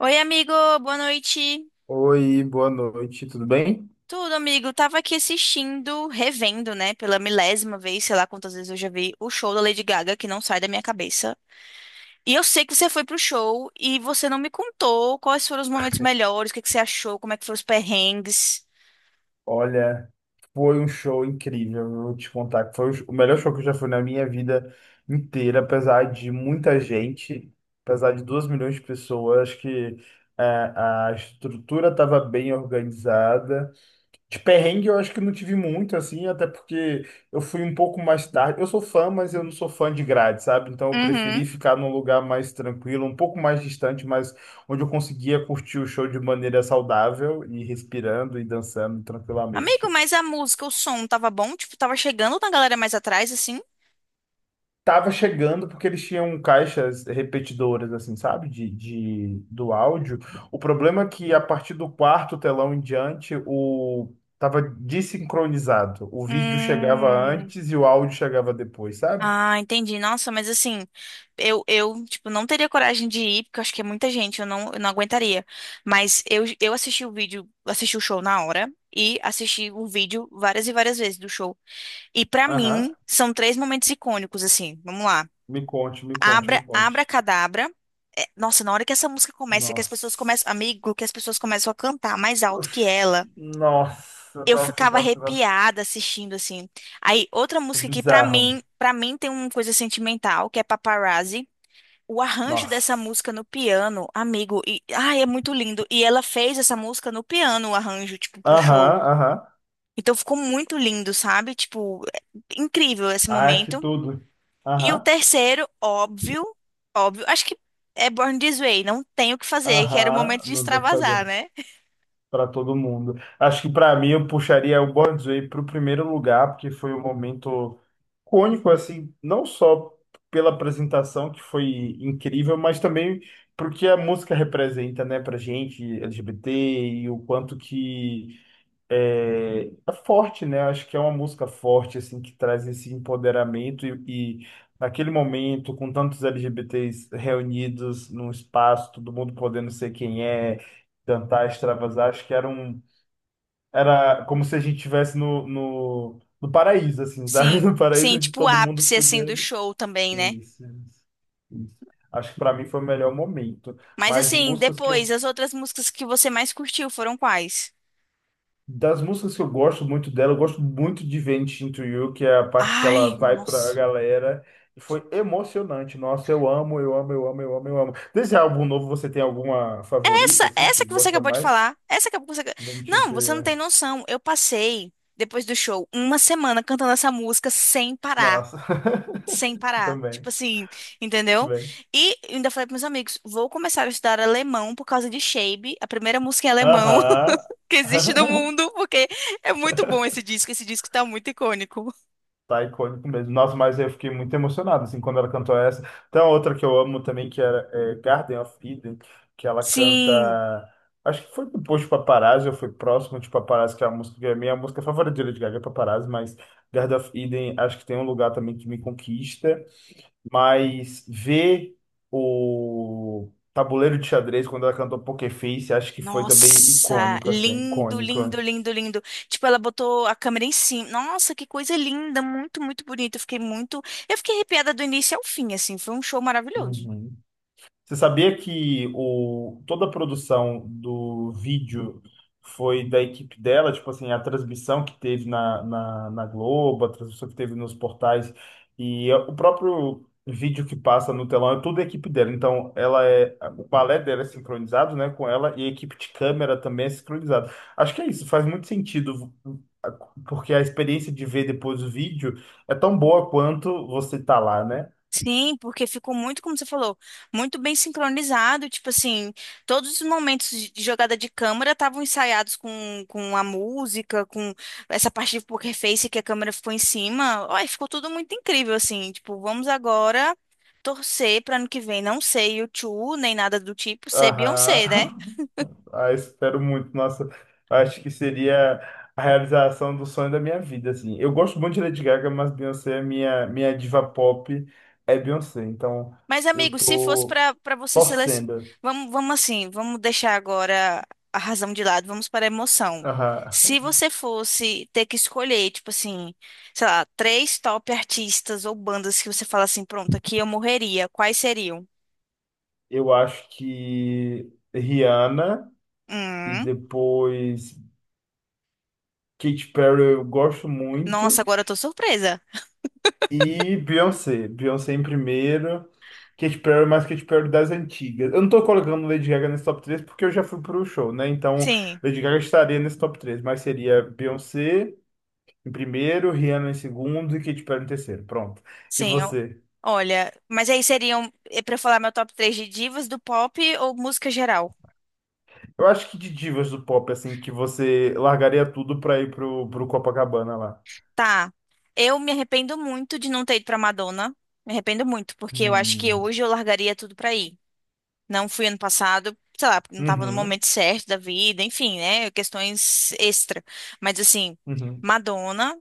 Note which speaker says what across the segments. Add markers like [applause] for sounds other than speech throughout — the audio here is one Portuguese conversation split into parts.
Speaker 1: Oi, amigo, boa noite.
Speaker 2: Oi, boa noite, tudo bem?
Speaker 1: Tudo, amigo? Tava aqui assistindo, revendo, né, pela milésima vez, sei lá quantas vezes eu já vi o show da Lady Gaga, que não sai da minha cabeça. E eu sei que você foi pro show e você não me contou quais foram os momentos melhores, o que que você achou, como é que foram os perrengues.
Speaker 2: Olha, foi um show incrível, eu vou te contar que foi o melhor show que eu já fui na minha vida inteira, apesar de muita gente, apesar de 2 milhões de pessoas, acho que a estrutura estava bem organizada. De perrengue eu acho que não tive muito, assim, até porque eu fui um pouco mais tarde. Eu sou fã, mas eu não sou fã de grade, sabe? Então eu
Speaker 1: Uhum.
Speaker 2: preferi ficar num lugar mais tranquilo, um pouco mais distante, mas onde eu conseguia curtir o show de maneira saudável e respirando e dançando
Speaker 1: Amigo,
Speaker 2: tranquilamente.
Speaker 1: mas a música, o som tava bom? Tipo, tava chegando na galera mais atrás, assim?
Speaker 2: Tava chegando porque eles tinham caixas repetidoras, assim, sabe? Do áudio. O problema é que a partir do quarto telão em diante, o tava desincronizado. O vídeo chegava
Speaker 1: Hum.
Speaker 2: antes e o áudio chegava depois, sabe?
Speaker 1: Ah, entendi. Nossa, mas assim, eu, tipo, não teria coragem de ir, porque eu acho que é muita gente, eu não aguentaria. Mas eu assisti o vídeo, assisti o show na hora e assisti o vídeo várias e várias vezes do show. E pra
Speaker 2: Aham.
Speaker 1: mim, são três momentos icônicos, assim. Vamos lá.
Speaker 2: Me conte, me conte, me
Speaker 1: Abra, Abra
Speaker 2: conte.
Speaker 1: Cadabra. É, nossa, na hora que essa música começa, que as pessoas começam,
Speaker 2: Nossa.
Speaker 1: amigo, que as pessoas começam a cantar mais alto que
Speaker 2: Uf.
Speaker 1: ela
Speaker 2: Nossa,
Speaker 1: eu
Speaker 2: nossa,
Speaker 1: ficava
Speaker 2: nossa, nossa.
Speaker 1: arrepiada assistindo assim. Aí outra música que
Speaker 2: Bizarro.
Speaker 1: para mim tem uma coisa sentimental, que é Paparazzi. O arranjo dessa
Speaker 2: Nossa.
Speaker 1: música no piano, amigo, e ai, é muito lindo. E ela fez essa música no piano, o arranjo, tipo, pro
Speaker 2: Aham,
Speaker 1: show.
Speaker 2: aham.
Speaker 1: Então ficou muito lindo, sabe? Tipo, é incrível esse
Speaker 2: Ai, que
Speaker 1: momento.
Speaker 2: tudo.
Speaker 1: E o
Speaker 2: Aham,
Speaker 1: terceiro, óbvio, acho que é Born This Way, não tem o que fazer, que era o
Speaker 2: aham.
Speaker 1: momento de
Speaker 2: Não dá pra
Speaker 1: extravasar,
Speaker 2: fazer.
Speaker 1: né?
Speaker 2: Para todo mundo. Acho que para mim eu puxaria o Born's Way para o primeiro lugar, porque foi um momento cônico, assim, não só pela apresentação, que foi incrível, mas também porque a música representa, né, pra gente, LGBT, e o quanto que é forte, né? Acho que é uma música forte, assim, que traz esse empoderamento e naquele momento, com tantos LGBTs reunidos num espaço, todo mundo podendo ser quem é, cantar, extravasar, acho que era como se a gente estivesse no paraíso, assim, sabe? [laughs]
Speaker 1: Sim,
Speaker 2: No paraíso
Speaker 1: sim,
Speaker 2: onde
Speaker 1: tipo o
Speaker 2: todo mundo
Speaker 1: ápice
Speaker 2: podia.
Speaker 1: assim do show também, né?
Speaker 2: Isso, né? Isso. Acho que para mim foi o melhor momento.
Speaker 1: Mas
Speaker 2: Mas de
Speaker 1: assim,
Speaker 2: músicas que
Speaker 1: depois,
Speaker 2: eu
Speaker 1: as outras músicas que você mais curtiu foram quais?
Speaker 2: Das músicas que eu gosto muito dela, eu gosto muito de Vent Into You, que é a parte que ela
Speaker 1: Ai,
Speaker 2: vai pra
Speaker 1: nossa.
Speaker 2: galera. E foi emocionante. Nossa, eu amo, eu amo, eu amo, eu amo, eu amo. Desse álbum novo, você tem alguma favorita,
Speaker 1: Essa,
Speaker 2: assim, que
Speaker 1: essa
Speaker 2: você
Speaker 1: que você
Speaker 2: gosta
Speaker 1: acabou de
Speaker 2: mais?
Speaker 1: falar, essa que
Speaker 2: Vent Into
Speaker 1: Você não tem
Speaker 2: You.
Speaker 1: noção. Eu passei, depois do show, uma semana cantando essa música sem parar.
Speaker 2: Nossa,
Speaker 1: Sem
Speaker 2: [laughs]
Speaker 1: parar. Tipo
Speaker 2: também,
Speaker 1: assim, entendeu?
Speaker 2: também.
Speaker 1: E ainda falei para meus amigos, vou começar a estudar alemão por causa de Shape, a primeira música em alemão
Speaker 2: Aham.
Speaker 1: [laughs] que existe no
Speaker 2: [laughs]
Speaker 1: mundo, porque é muito bom esse disco. Esse disco tá muito icônico.
Speaker 2: Tá icônico mesmo. Nossa, mas eu fiquei muito emocionado, assim, quando ela cantou essa. Tem uma outra que eu amo também, que era Garden of Eden, que ela canta...
Speaker 1: Sim.
Speaker 2: Acho que foi depois de Paparazzi, ou foi próximo de Paparazzi, que é a música, que é a minha música favorita de Lady Gaga, é Paparazzi, mas Garden of Eden, acho que tem um lugar também que me conquista. Mas ver o tabuleiro de xadrez, quando ela cantou Poker Face, acho que foi também
Speaker 1: Nossa,
Speaker 2: icônico, assim,
Speaker 1: lindo,
Speaker 2: icônico.
Speaker 1: lindo, lindo, lindo. Tipo, ela botou a câmera em cima. Nossa, que coisa linda, muito, muito bonito. Eu fiquei muito, eu fiquei arrepiada do início ao fim, assim. Foi um show maravilhoso.
Speaker 2: Uhum. Você sabia que toda a produção do vídeo foi da equipe dela? Tipo assim, a transmissão que teve na Globo, a transmissão que teve nos portais e o próprio vídeo que passa no telão é tudo a equipe dela. Então, o balé dela é sincronizado, né, com ela e a equipe de câmera também é sincronizada. Acho que é isso, faz muito sentido. Porque a experiência de ver depois o vídeo é tão boa quanto você tá lá, né?
Speaker 1: Sim, porque ficou muito, como você falou, muito bem sincronizado. Tipo assim, todos os momentos de jogada de câmera estavam ensaiados com a música, com essa parte de poker face que a câmera ficou em cima. Ai, ficou tudo muito incrível, assim. Tipo, vamos agora torcer para ano que vem não ser U2, nem nada do tipo, ser Beyoncé, né?
Speaker 2: Aham. [laughs] Ah, espero muito. Nossa, acho que seria a realização do sonho da minha vida, assim. Eu gosto muito de Lady Gaga, mas Beyoncé é minha diva pop, é Beyoncé. Então,
Speaker 1: Mas,
Speaker 2: eu
Speaker 1: amigo, se fosse
Speaker 2: tô
Speaker 1: para você selecionar.
Speaker 2: torcendo.
Speaker 1: Vamos, vamos assim, vamos deixar agora a razão de lado, vamos para a emoção.
Speaker 2: Aham.
Speaker 1: Se você fosse ter que escolher, tipo assim, sei lá, três top artistas ou bandas que você fala assim, pronto, aqui eu morreria, quais seriam?
Speaker 2: Eu acho que Rihanna e
Speaker 1: Hum,
Speaker 2: depois Katy Perry eu gosto
Speaker 1: nossa,
Speaker 2: muito.
Speaker 1: agora eu tô surpresa.
Speaker 2: E Beyoncé. Beyoncé em primeiro. Katy Perry, mais Katy Perry das antigas. Eu não tô colocando Lady Gaga nesse top 3 porque eu já fui pro show, né? Então,
Speaker 1: Sim,
Speaker 2: Lady Gaga estaria nesse top 3, mas seria Beyoncé em primeiro, Rihanna em segundo e Katy Perry em terceiro. Pronto. E
Speaker 1: sim. Eu-
Speaker 2: você?
Speaker 1: olha, mas aí seriam, é pra eu falar meu top três de divas do pop ou música geral?
Speaker 2: Eu acho que de divas do pop, assim, que você largaria tudo pra ir pro Copacabana lá.
Speaker 1: Tá. Eu me arrependo muito de não ter ido pra Madonna. Me arrependo muito, porque eu acho que
Speaker 2: Hum.
Speaker 1: hoje eu largaria tudo pra ir. Não fui ano passado, sei lá, porque não tava no
Speaker 2: Uhum.
Speaker 1: momento certo da vida, enfim, né? Questões extra. Mas assim,
Speaker 2: Uhum.
Speaker 1: Madonna,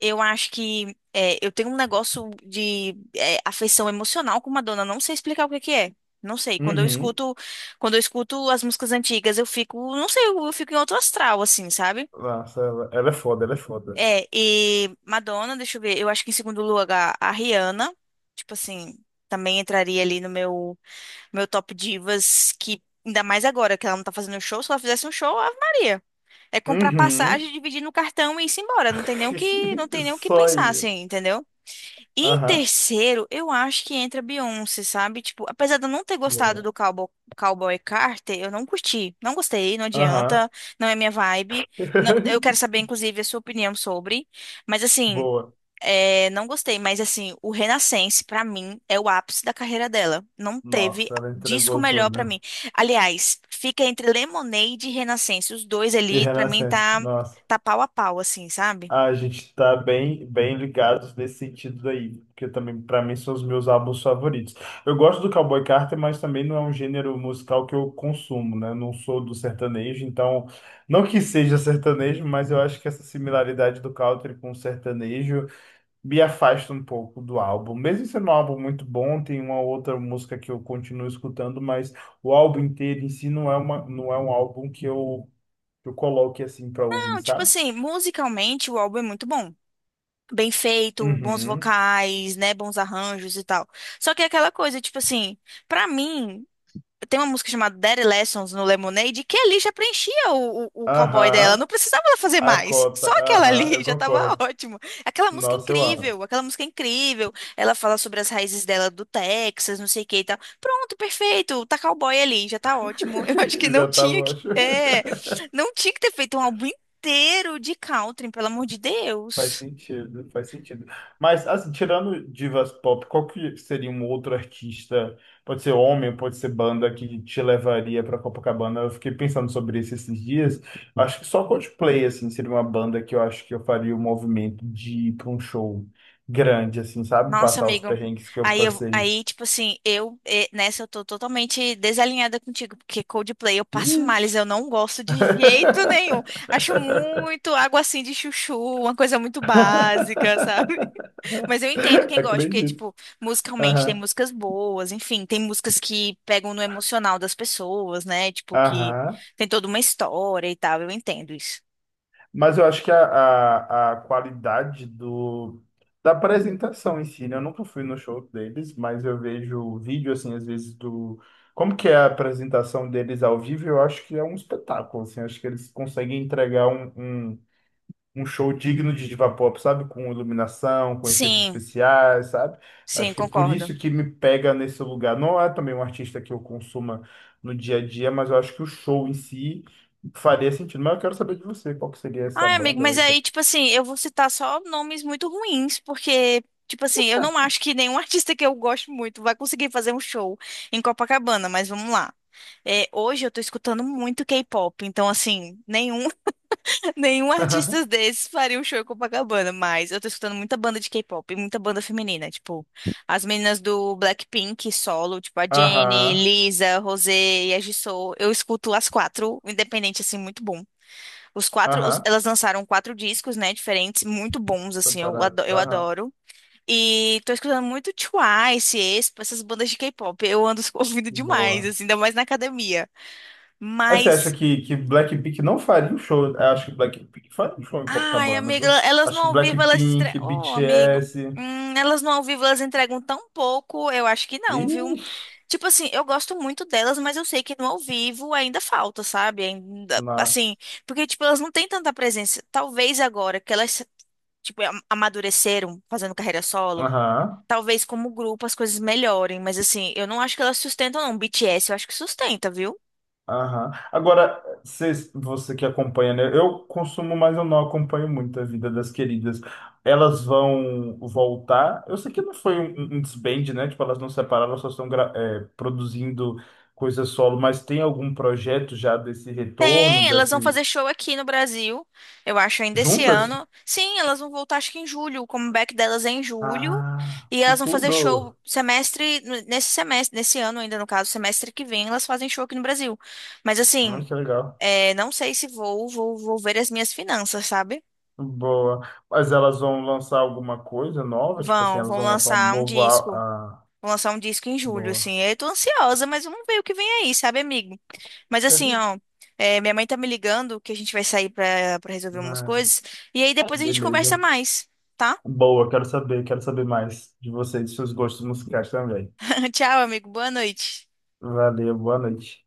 Speaker 1: eu acho que é, eu tenho um negócio de é, afeição emocional com Madonna. Não sei explicar o que que é. Não sei. Quando eu
Speaker 2: Uhum.
Speaker 1: escuto, quando eu escuto as músicas antigas, eu fico, não sei, eu fico em outro astral, assim, sabe?
Speaker 2: Nossa, ela é foda, ela é foda.
Speaker 1: É, e Madonna, deixa eu ver, eu acho que em segundo lugar a Rihanna, tipo assim, também entraria ali no meu top divas, que ainda mais agora que ela não tá fazendo show, se ela fizesse um show, Ave Maria. É comprar
Speaker 2: Uhum.
Speaker 1: passagem, dividir no cartão e ir embora, não
Speaker 2: [laughs]
Speaker 1: tem nem o que
Speaker 2: Só
Speaker 1: pensar
Speaker 2: aí.
Speaker 1: assim, entendeu? E em
Speaker 2: Aham,
Speaker 1: terceiro, eu acho que entra Beyoncé, sabe? Tipo, apesar de eu não ter gostado
Speaker 2: boa.
Speaker 1: do Cowboy, Cowboy Carter, eu não curti. Não gostei, não
Speaker 2: Aham.
Speaker 1: adianta, não é minha vibe. Não- eu quero
Speaker 2: [laughs]
Speaker 1: saber, inclusive, a sua opinião sobre. Mas, assim,
Speaker 2: Boa.
Speaker 1: é, não gostei. Mas, assim, o Renaissance, pra mim, é o ápice da carreira dela. Não teve
Speaker 2: Nossa, ela
Speaker 1: disco
Speaker 2: entregou
Speaker 1: melhor pra
Speaker 2: tudo.
Speaker 1: mim. Aliás, fica entre Lemonade e Renaissance. Os dois
Speaker 2: E
Speaker 1: ali, pra mim,
Speaker 2: Renascença,
Speaker 1: tá,
Speaker 2: nossa.
Speaker 1: tá pau a pau, assim, sabe?
Speaker 2: Ah, a gente tá bem, bem ligados nesse sentido daí, porque também pra mim são os meus álbuns favoritos. Eu gosto do Cowboy Carter, mas também não é um gênero musical que eu consumo, né? Não sou do sertanejo, então não que seja sertanejo, mas eu acho que essa similaridade do country com o sertanejo me afasta um pouco do álbum. Mesmo sendo um álbum muito bom, tem uma outra música que eu continuo escutando, mas o álbum inteiro em si não é uma, não é um álbum que eu, coloque assim para ouvir,
Speaker 1: Não, tipo
Speaker 2: sabe?
Speaker 1: assim, musicalmente o álbum é muito bom. Bem feito, bons
Speaker 2: Uhum.
Speaker 1: vocais, né, bons arranjos e tal. Só que é aquela coisa, tipo assim, pra mim, tem uma música chamada Daddy Lessons no Lemonade que ali já preenchia o cowboy dela,
Speaker 2: Aham.
Speaker 1: não precisava ela fazer
Speaker 2: A
Speaker 1: mais.
Speaker 2: cota.
Speaker 1: Só aquela
Speaker 2: Aham,
Speaker 1: ali [laughs]
Speaker 2: eu
Speaker 1: já tava
Speaker 2: concordo.
Speaker 1: ótimo. Aquela música é
Speaker 2: Nossa, eu amo.
Speaker 1: incrível, aquela música é incrível. Ela fala sobre as raízes dela do Texas, não sei o que e tal. Pronto, perfeito, tá cowboy ali, já tá ótimo. [laughs] Eu acho
Speaker 2: [laughs]
Speaker 1: que
Speaker 2: Eu já tava, eu acho.
Speaker 1: não tinha que ter feito um álbum inteiro de country, pelo amor de
Speaker 2: Faz
Speaker 1: Deus.
Speaker 2: sentido, faz sentido. Mas, assim, tirando divas pop, qual que seria um outro artista? Pode ser homem, pode ser banda que te levaria para Copacabana. Eu fiquei pensando sobre isso esses dias. Acho que só Coldplay, assim, seria uma banda que eu acho que eu faria o movimento de ir para um show grande, assim, sabe?
Speaker 1: Nossa,
Speaker 2: Passar os
Speaker 1: amigo.
Speaker 2: perrengues que eu
Speaker 1: Aí, eu,
Speaker 2: passei.
Speaker 1: aí, tipo assim, nessa eu tô totalmente desalinhada contigo, porque Coldplay eu passo males,
Speaker 2: Ixi!
Speaker 1: eu não gosto de jeito nenhum.
Speaker 2: [laughs]
Speaker 1: Acho muito água assim de chuchu, uma coisa muito básica, sabe? [laughs] Mas eu entendo quem gosta, porque,
Speaker 2: Acredito.
Speaker 1: tipo, musicalmente tem
Speaker 2: Aham.
Speaker 1: músicas boas, enfim, tem músicas que pegam no emocional das pessoas, né? Tipo, que
Speaker 2: Aham.
Speaker 1: tem toda uma história e tal, eu entendo isso.
Speaker 2: Mas eu acho que a qualidade do, da apresentação em si, né? Eu nunca fui no show deles, mas eu vejo vídeo, assim, às vezes Como que é a apresentação deles ao vivo, eu acho que é um espetáculo, assim. Eu acho que eles conseguem entregar um show digno de diva pop, sabe? Com iluminação, com efeitos
Speaker 1: Sim,
Speaker 2: especiais, sabe?
Speaker 1: sim,
Speaker 2: Acho que é por
Speaker 1: concordo.
Speaker 2: isso que me pega nesse lugar. Não é também um artista que eu consuma no dia a dia, mas eu acho que o show em si faria sentido. Mas eu quero saber de você, qual que seria essa
Speaker 1: Ai, amigo,
Speaker 2: banda ou
Speaker 1: mas
Speaker 2: esse...
Speaker 1: aí, tipo assim, eu vou citar só nomes muito ruins, porque, tipo assim, eu não acho que nenhum [laughs] artista que eu gosto muito vai conseguir fazer um show em Copacabana, mas vamos lá. É, hoje eu tô escutando muito K-pop, então, assim, [laughs] nenhum artista
Speaker 2: [laughs]
Speaker 1: desses faria um show em Copacabana, mas eu tô escutando muita banda de K-pop, e muita banda feminina, tipo, as meninas do Blackpink solo, tipo a Jennie,
Speaker 2: Aham,
Speaker 1: Lisa, Rosé e a Jisoo, eu escuto as quatro, independente, assim, muito bom.
Speaker 2: aham,
Speaker 1: Elas lançaram quatro discos, né, diferentes, muito bons, assim,
Speaker 2: separado,
Speaker 1: eu
Speaker 2: aham,
Speaker 1: adoro. E tô escutando muito Twice, Aespa, essas bandas de K-pop. Eu ando [laughs] ouvindo demais,
Speaker 2: boa.
Speaker 1: assim, ainda mais na academia.
Speaker 2: Mas você acha
Speaker 1: Mas,
Speaker 2: que Blackpink não faria um show? Eu acho que Blackpink faria um show em
Speaker 1: ai,
Speaker 2: Copacabana,
Speaker 1: amiga,
Speaker 2: viu?
Speaker 1: elas no
Speaker 2: Acho que
Speaker 1: ao vivo, elas
Speaker 2: Blackpink,
Speaker 1: entregam. Ô, amigo,
Speaker 2: BTS...
Speaker 1: elas no ao vivo, elas entregam tão pouco, eu acho que não, viu?
Speaker 2: Ixi,
Speaker 1: Tipo assim, eu gosto muito delas, mas eu sei que no ao vivo ainda falta, sabe? Ainda, assim,
Speaker 2: nossa.
Speaker 1: porque, tipo, elas não têm tanta presença. Talvez agora que elas tipo, amadureceram fazendo carreira solo.
Speaker 2: Aham,
Speaker 1: Talvez como grupo as coisas melhorem, mas assim, eu não acho que elas sustentam, não. BTS eu acho que sustenta, viu?
Speaker 2: aham. Agora, você que acompanha, né? Eu consumo, mas eu não acompanho muito a vida das queridas. Elas vão voltar. Eu sei que não foi um desband, né? Tipo, elas não separaram, elas só estão produzindo coisa solo, mas tem algum projeto já desse retorno,
Speaker 1: Tem, elas vão fazer
Speaker 2: desse.
Speaker 1: show aqui no Brasil, eu acho, ainda esse
Speaker 2: Juntas?
Speaker 1: ano. Sim, elas vão voltar, acho que em julho. O comeback delas é em julho.
Speaker 2: Ah,
Speaker 1: E
Speaker 2: que
Speaker 1: elas vão fazer show
Speaker 2: tudo!
Speaker 1: semestre, nesse semestre, nesse ano ainda, no caso, semestre que vem, elas fazem show aqui no Brasil. Mas
Speaker 2: Ah,
Speaker 1: assim,
Speaker 2: que legal.
Speaker 1: é, não sei se vou ver as minhas finanças, sabe?
Speaker 2: Boa. Mas elas vão lançar alguma coisa nova? Tipo assim,
Speaker 1: Vão,
Speaker 2: elas
Speaker 1: vão
Speaker 2: vão lançar um
Speaker 1: lançar um
Speaker 2: novo.
Speaker 1: disco.
Speaker 2: Ah,
Speaker 1: Vou lançar um disco em julho,
Speaker 2: boa.
Speaker 1: assim. Eu tô ansiosa, mas vamos ver o que vem aí, sabe, amigo? Mas assim, ó, é, minha mãe tá me ligando que a gente vai sair pra resolver umas
Speaker 2: Né?
Speaker 1: coisas. E aí depois a gente conversa
Speaker 2: Beleza.
Speaker 1: mais, tá?
Speaker 2: Boa, quero saber mais de vocês, de seus gostos musicais também.
Speaker 1: [laughs] Tchau, amigo. Boa noite.
Speaker 2: Valeu, boa noite.